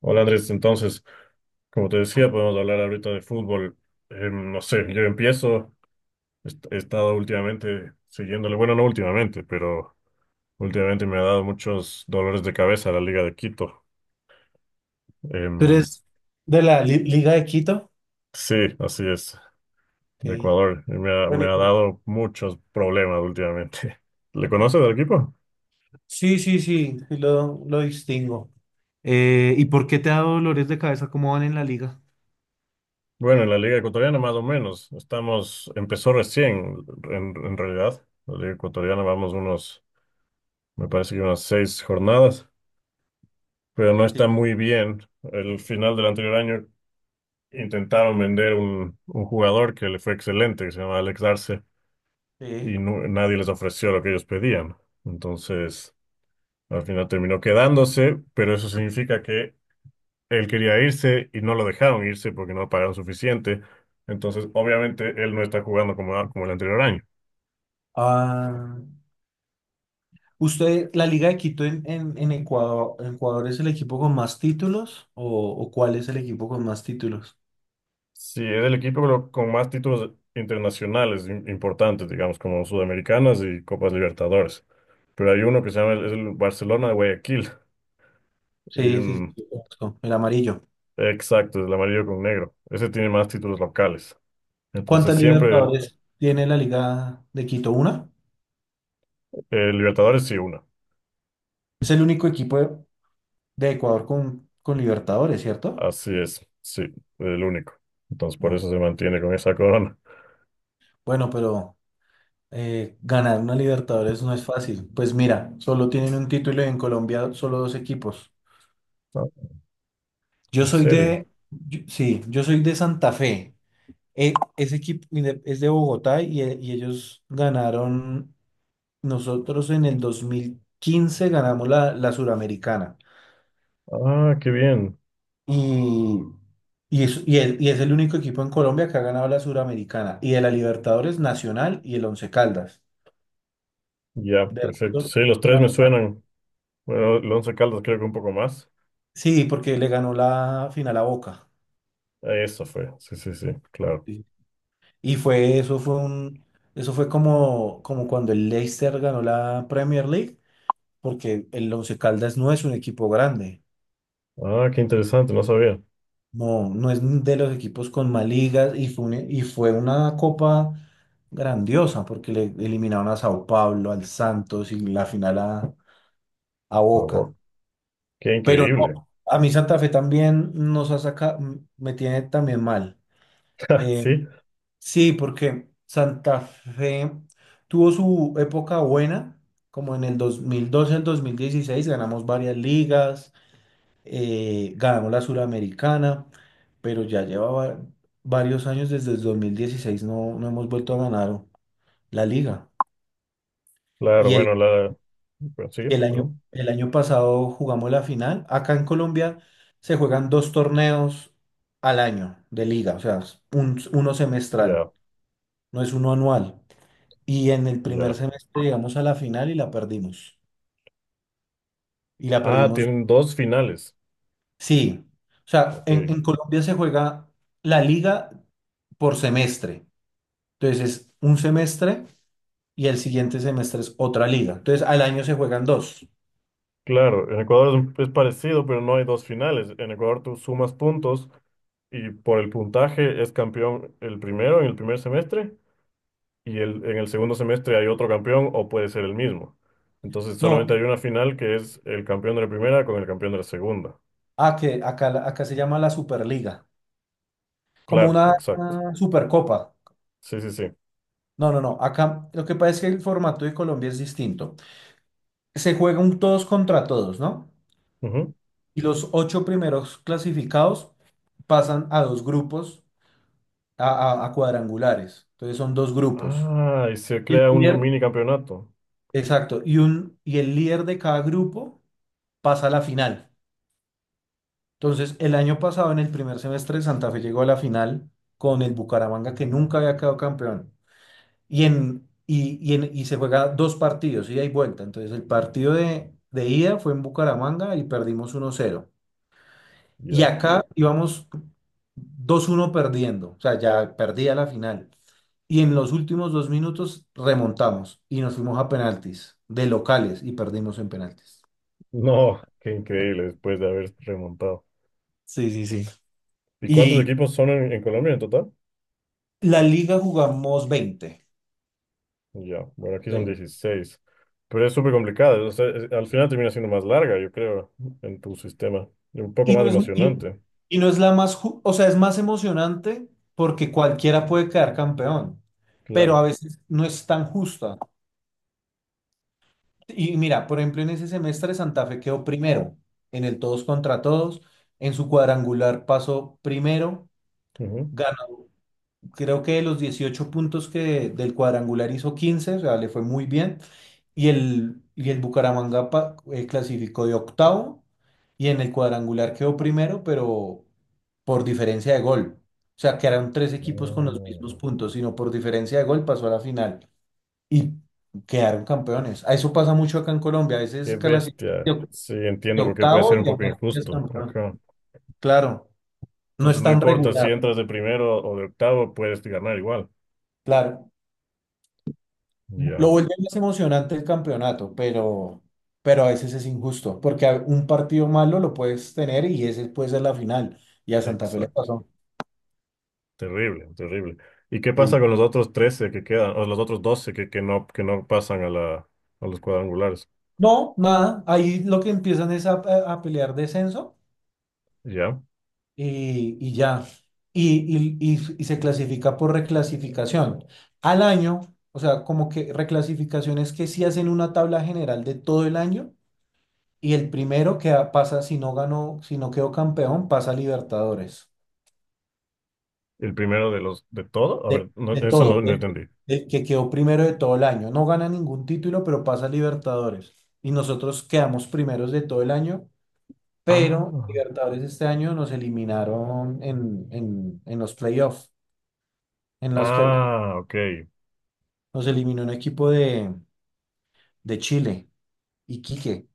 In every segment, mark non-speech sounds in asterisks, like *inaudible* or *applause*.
Hola Andrés, entonces, como te decía, podemos hablar ahorita de fútbol. No sé, yo empiezo. He estado últimamente siguiéndole, bueno, no últimamente, pero últimamente me ha dado muchos dolores de cabeza la Liga de Quito. ¿Tú Em, eres de la Liga de Quito? sí, así es, de Ok. Ecuador. Me Bueno, ha dado muchos problemas últimamente. *laughs* ¿Le conoces del equipo? sí, sí, sí, sí lo distingo. ¿Y por qué te ha dado dolores de cabeza? ¿Cómo van en la liga? Bueno, en la Liga Ecuatoriana más o menos. Estamos, empezó recién, en realidad. La Liga Ecuatoriana vamos unos, me parece que unas seis jornadas, pero no Sí. está muy bien. El final del anterior año intentaron vender un jugador que le fue excelente, que se llama Alex Arce, y Sí. Nadie les ofreció lo que ellos pedían. Entonces, al final terminó quedándose, pero eso significa que él quería irse y no lo dejaron irse porque no lo pagaron suficiente. Entonces, obviamente, él no está jugando como el anterior año. Ah, ¿usted, la Liga de Quito en Ecuador, es el equipo con más títulos o cuál es el equipo con más títulos? Sí, es el equipo con más títulos internacionales importantes, digamos, como Sudamericanas y Copas Libertadores. Pero hay uno que se llama es el Barcelona de Guayaquil. Sí, sí, sí, Em, sí, conozco, el amarillo. exacto, es el amarillo con negro. Ese tiene más títulos locales. Entonces ¿Cuántas siempre Libertadores tiene la Liga de Quito? ¿Una? Libertadores sí una. Es el único equipo de Ecuador con Libertadores, ¿cierto? Así es, sí, el único. Entonces por No. eso se mantiene con esa corona. Bueno, pero ganar una Libertadores no es fácil. Pues mira, solo tienen un título y en Colombia solo dos equipos. Ah, Yo ¿en soy serio? de, yo- Sí, yo soy de Santa Fe. Ese equipo es de Bogotá y ellos ganaron, nosotros en el 2015 ganamos la Suramericana. Ah, qué bien. Y, y es el único equipo en Colombia que ha ganado la Suramericana. Y de la Libertadores Nacional y el Once Caldas. Ya, De perfecto. resto, Sí, los tres me suenan. Bueno, el Once Caldas creo que un poco más. Sí, porque le ganó la final a Boca. Eso fue. Sí, sí, sí, claro. Sí. Y fue, eso fue un, Eso fue como cuando el Leicester ganó la Premier League, porque el Once Caldas no es un equipo grande, Ah, qué interesante, no sabía. no, no es de los equipos con más ligas y fue una copa grandiosa, porque le eliminaron a Sao Paulo, al Santos y la final a Ah, Boca. wow, qué Pero increíble. no, a mí Santa Fe también nos ha sacado, me tiene también mal. *laughs* Eh, Sí, Sí, porque Santa Fe tuvo su época buena, como en el 2012 al 2016, ganamos varias ligas, ganamos la Suramericana, pero ya llevaba varios años desde el 2016, no, no hemos vuelto a ganar la liga. claro, Y el, bueno, la... bueno, sigue, y el año, perdón. el año pasado jugamos la final. Acá en Colombia se juegan dos torneos al año de liga, o sea, uno semestral, Ya, no es uno anual. Y en el primer ya. semestre llegamos a la final y la perdimos. Y la Ah, perdimos, tienen dos finales. sí. O sea, Ok. en Colombia se juega la liga por semestre. Entonces es un semestre y el siguiente semestre es otra liga. Entonces al año se juegan dos. Claro, en Ecuador es parecido, pero no hay dos finales. En Ecuador tú sumas puntos y por el puntaje es campeón el primero en el primer semestre y en el segundo semestre hay otro campeón o puede ser el mismo. Entonces No, solamente hay una final que es el campeón de la primera con el campeón de la segunda. Que acá, acá se llama la Superliga, como Claro, una exacto. Supercopa. Sí, sí, sí. No, no, no. Acá lo que pasa es que el formato de Colombia es distinto. Se juega un todos contra todos, ¿no? Ujú. Y los ocho primeros clasificados pasan a dos grupos, a, a cuadrangulares. Entonces son dos grupos. Ah, y se El crea un líder, mini campeonato. Exacto. Y el líder de cada grupo pasa a la final. Entonces, el año pasado, en el primer semestre, Santa Fe llegó a la final con el Bucaramanga, que nunca había quedado campeón. Y se juega dos partidos, ida y vuelta. Entonces, el partido de ida fue en Bucaramanga y perdimos 1-0. Y Ya. acá íbamos 2-1 perdiendo, o sea, ya perdía la final. Y en los últimos 2 minutos remontamos y nos fuimos a penaltis de locales y perdimos en penaltis. No, qué increíble después de haber remontado. Sí, sí, sí. ¿Y cuántos Y equipos son en Colombia en total? la liga jugamos veinte Ya, bueno, aquí son veinte dieciséis. Pero es súper complicado, o sea, al final termina siendo más larga, yo creo, en tu sistema. Y un poco Y más no es, y, emocionante, y no es la más, o sea, es más emocionante porque cualquiera puede quedar campeón, pero claro. a veces no es tan justa. Y mira, por ejemplo, en ese semestre Santa Fe quedó primero en el todos contra todos. En su cuadrangular pasó primero. Ujú. Ganó, creo que de los 18 puntos que del cuadrangular hizo 15, o sea, le fue muy bien. Y el Bucaramanga clasificó de octavo y en el cuadrangular quedó primero, pero por diferencia de gol. O sea, que eran tres equipos con los Oh, mismos puntos, sino por diferencia de gol pasó a la final y quedaron campeones. A eso pasa mucho acá en Colombia. A veces qué clasifican de bestia. oc- Sí, de entiendo por qué puede ser octavo un y poco aún así es injusto. campeón. Ajá. Claro, no Entonces, es no tan importa si regular. entras de primero o de octavo, puedes ganar igual. Claro, lo Ya, vuelve más emocionante el campeonato, pero a veces es injusto, porque un partido malo lo puedes tener y ese puede ser la final. Y a Santa Fe le exacto. pasó. Terrible, terrible. ¿Y qué Sí. pasa con los otros 13 que quedan, o los otros 12 que no pasan a a los cuadrangulares? No, nada, ahí lo que empiezan es a, a pelear descenso Ya. y ya. Y se clasifica por reclasificación. Al año, o sea, como que reclasificaciones que sí hacen una tabla general de todo el año y el primero que pasa, si no ganó, si no quedó campeón, pasa a Libertadores. El primero de los de todo. A De, ver, no, de eso no, todo, no del entendí. del que quedó primero de todo el año. No gana ningún título, pero pasa a Libertadores. Y nosotros quedamos primeros de todo el año, Ah, pero Libertadores este año nos eliminaron en los playoffs, en los que... ah, ok. Nos eliminó un equipo de Chile, Iquique.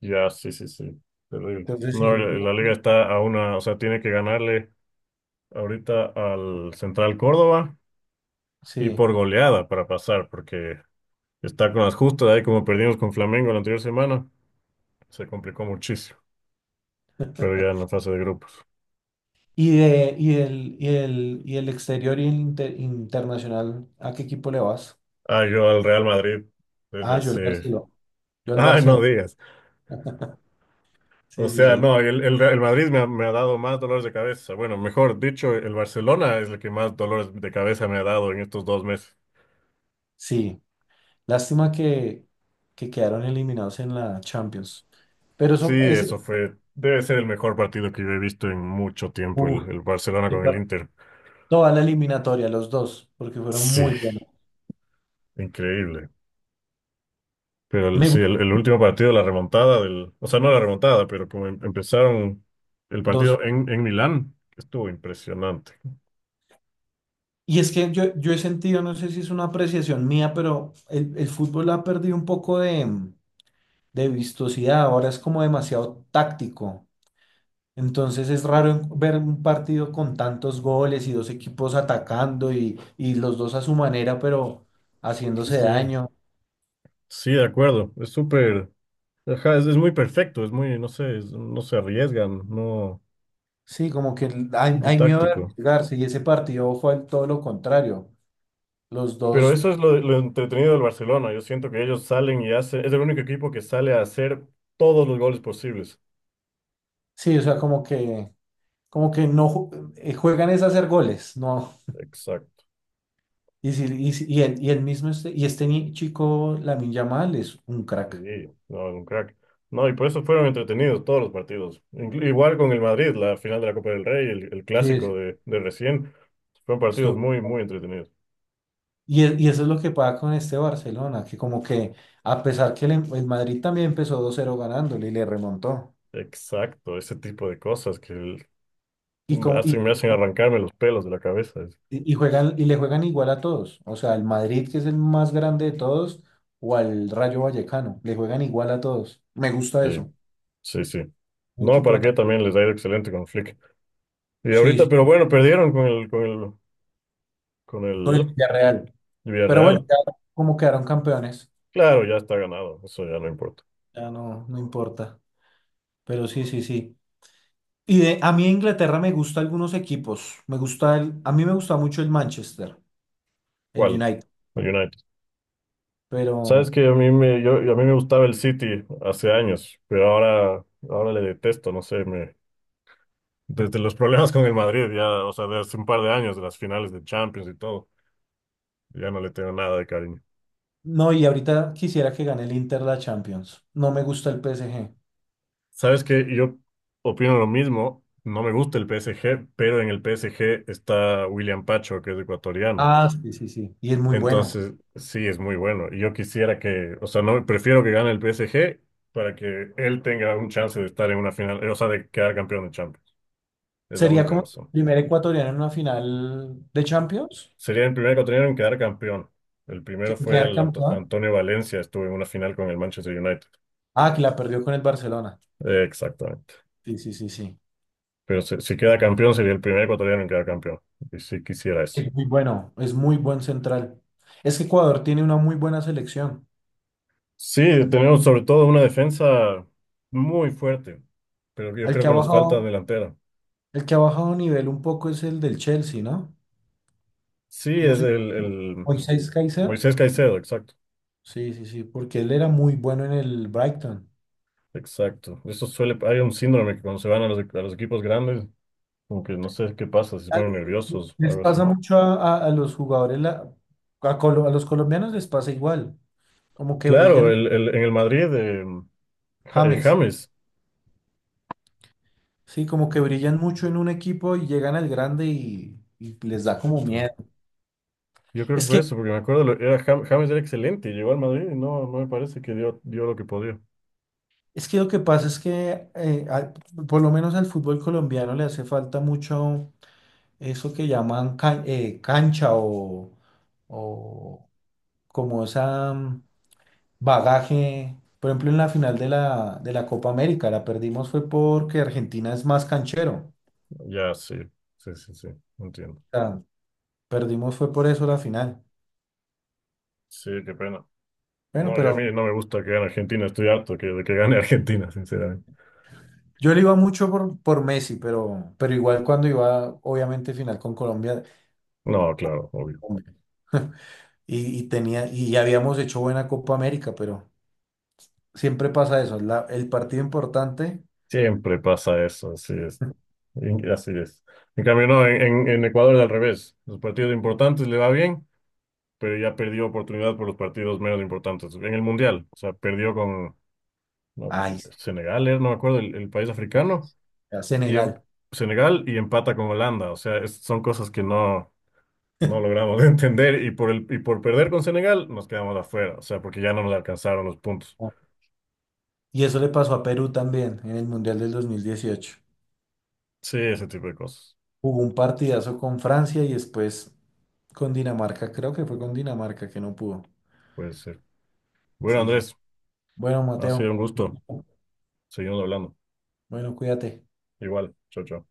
Ya, sí, sí, sí. Terrible. Entonces, sí. No, la liga está a una, o sea, tiene que ganarle ahorita al Central Córdoba y Sí. por goleada para pasar, porque está con las justas ahí como perdimos con Flamengo la anterior semana. Se complicó muchísimo, pero ya en la fase de grupos. Y, de, y, del, y, del, y del exterior y el internacional, ¿a qué equipo le vas? Ah, yo al Real Madrid desde Ah, yo al hace. Barcelona. Yo al Ay, no Barcelona. digas. O Sí, sí, sea, no, el Madrid me ha dado más dolores de cabeza. Bueno, mejor dicho, el Barcelona es el que más dolores de cabeza me ha dado en estos dos meses. sí. Lástima que quedaron eliminados en la Champions. Pero Sí, eso, ese, eso fue, debe ser el mejor partido que yo he visto en mucho tiempo, uf, el Barcelona qué con el par- Inter. toda la eliminatoria, los dos, porque fueron muy Sí, buenos. increíble. Pero sí, Me el último partido, la remontada del, o sea, no la remontada, pero como empezaron el gustó. partido en Milán, estuvo impresionante. Y es que yo he sentido, no sé si es una apreciación mía, pero el fútbol ha perdido un poco de vistosidad, ahora es como demasiado táctico. Entonces es raro ver un partido con tantos goles y dos equipos atacando y los dos a su manera, pero haciéndose Sí, daño. sí, de acuerdo. Es súper. Ajá, es muy perfecto, es muy, no sé, no se arriesgan, no, Sí, como que hay, muy hay miedo de táctico. arriesgarse y ese partido fue todo lo contrario. Los Pero dos, eso es lo entretenido del Barcelona. Yo siento que ellos salen y hacen, es el único equipo que sale a hacer todos los goles posibles. sí, o sea, como que no juegan es a hacer goles, no. Exacto. Y el mismo este, y este chico, Lamine Yamal, es un Sí, crack. no, es un crack. No, y por eso fueron entretenidos todos los partidos. Igual con el Madrid, la final de la Copa del Rey, el Sí, clásico de recién. Fueron partidos estuvo- muy, muy entretenidos. y eso es lo que pasa con este Barcelona, que como que a pesar que el Madrid también empezó 2-0 ganándole y le remontó. Exacto, ese tipo de cosas que Y, como, me hacen arrancarme los pelos de la cabeza. y juegan, y le juegan igual a todos. O sea, al Madrid, que es el más grande de todos, o al Rayo Vallecano, le juegan igual a todos. Me gusta Sí. eso. Sí, sí. Un No, equipo para qué ata- también les ha ido excelente con Flick. Y Sí, ahorita, sí, pero bueno, perdieron con con con el el Villarreal. Pero bueno, Villarreal. ya como quedaron campeones, Claro, ya está ganado, eso ya no importa. ya no, no importa. Pero sí, sí, sí. A mí en Inglaterra me gustan algunos equipos. Me gusta a mí me gusta mucho el Manchester, el ¿Cuál? United. El United. Sabes Pero que a mí me gustaba el City hace años, pero ahora le detesto, no sé, me, desde los problemas con el Madrid, ya, o sea, de hace un par de años, de las finales de Champions y todo, ya no le tengo nada de cariño. no, y ahorita quisiera que gane el Inter la Champions. No me gusta el PSG. Sabes que yo opino lo mismo. No me gusta el PSG, pero en el PSG está William Pacho, que es ecuatoriano. Ah, sí, sí, sí. Y es muy bueno. Entonces, sí, es muy bueno. Y yo quisiera que, o sea, no prefiero que gane el PSG para que él tenga un chance de estar en una final, o sea, de quedar campeón de Champions. Es la Sería única como el razón. primer ecuatoriano en una final de Champions. Sería el primer ecuatoriano en quedar campeón. El primero fue Quedar el campeón. Antonio Valencia, estuvo en una final con el Manchester United. Ah, que la perdió con el Barcelona. Exactamente. Sí, sí, sí, sí. Pero si queda campeón, sería el primer ecuatoriano en quedar campeón. Y sí quisiera eso. Es muy bueno, es muy buen central. Es que Ecuador tiene una muy buena selección. Sí, tenemos sobre todo una defensa muy fuerte, pero yo El creo que ha que nos falta bajado delantera. El que ha bajado nivel un poco es el del Chelsea, ¿no? Sí, ¿Cómo es se llama? el Moisés Caicedo. Moisés Caicedo, Sí, sí, sí, porque él era muy bueno en el Brighton. exacto. Eso suele, hay un síndrome que cuando se van a a los equipos grandes, como que no sé qué pasa, si se Al- ponen nerviosos o Les algo así. pasa mucho a, a los jugadores, a los colombianos les pasa igual, como que Claro, brillan, en el Madrid, James, James, sí, como que brillan mucho en un equipo y llegan al grande y les da como exacto. miedo. Yo creo que Es fue que, eso, porque me acuerdo, James era excelente, llegó al Madrid y no, no me parece que dio, dio lo que podía. es que lo que pasa es que por lo menos al fútbol colombiano le hace falta mucho. Eso que llaman cancha o como esa bagaje. Por ejemplo, en la final de la Copa América la perdimos fue porque Argentina es más canchero. Ya, sí, sí, sí, sí, entiendo. O sea, perdimos fue por eso la final. Sí, qué pena. Bueno, No, y a mí pero no me gusta que gane Argentina, estoy harto de que gane *laughs* Argentina, sinceramente. yo le iba mucho por Messi, pero igual cuando iba, obviamente, final con Colombia, No, claro, obvio. hombre. *laughs* Y ya habíamos hecho buena Copa América, pero siempre pasa eso. El partido importante, Siempre pasa eso, así es. Así es. En cambio, no, en Ecuador es al revés. Los partidos importantes le va bien, pero ya perdió oportunidad por los partidos menos importantes. En el Mundial, o sea, perdió con no, ay, sí, Senegal, era, no me acuerdo, el país africano, a y en, Senegal. Senegal y empata con Holanda. O sea, son cosas que no. Ah. No logramos *laughs* entender y por perder con Senegal nos quedamos afuera, o sea, porque ya no nos alcanzaron los puntos. Y eso le pasó a Perú también en el Mundial del 2018. Sí, ese tipo de cosas. Jugó un partidazo con Francia y después con Dinamarca. Creo que fue con Dinamarca que no pudo. Puede ser. Bueno, Sí, sí. Sí. Andrés, Bueno, ha sido un Mateo. gusto. Seguimos hablando. Bueno, cuídate. Igual, chao, chao.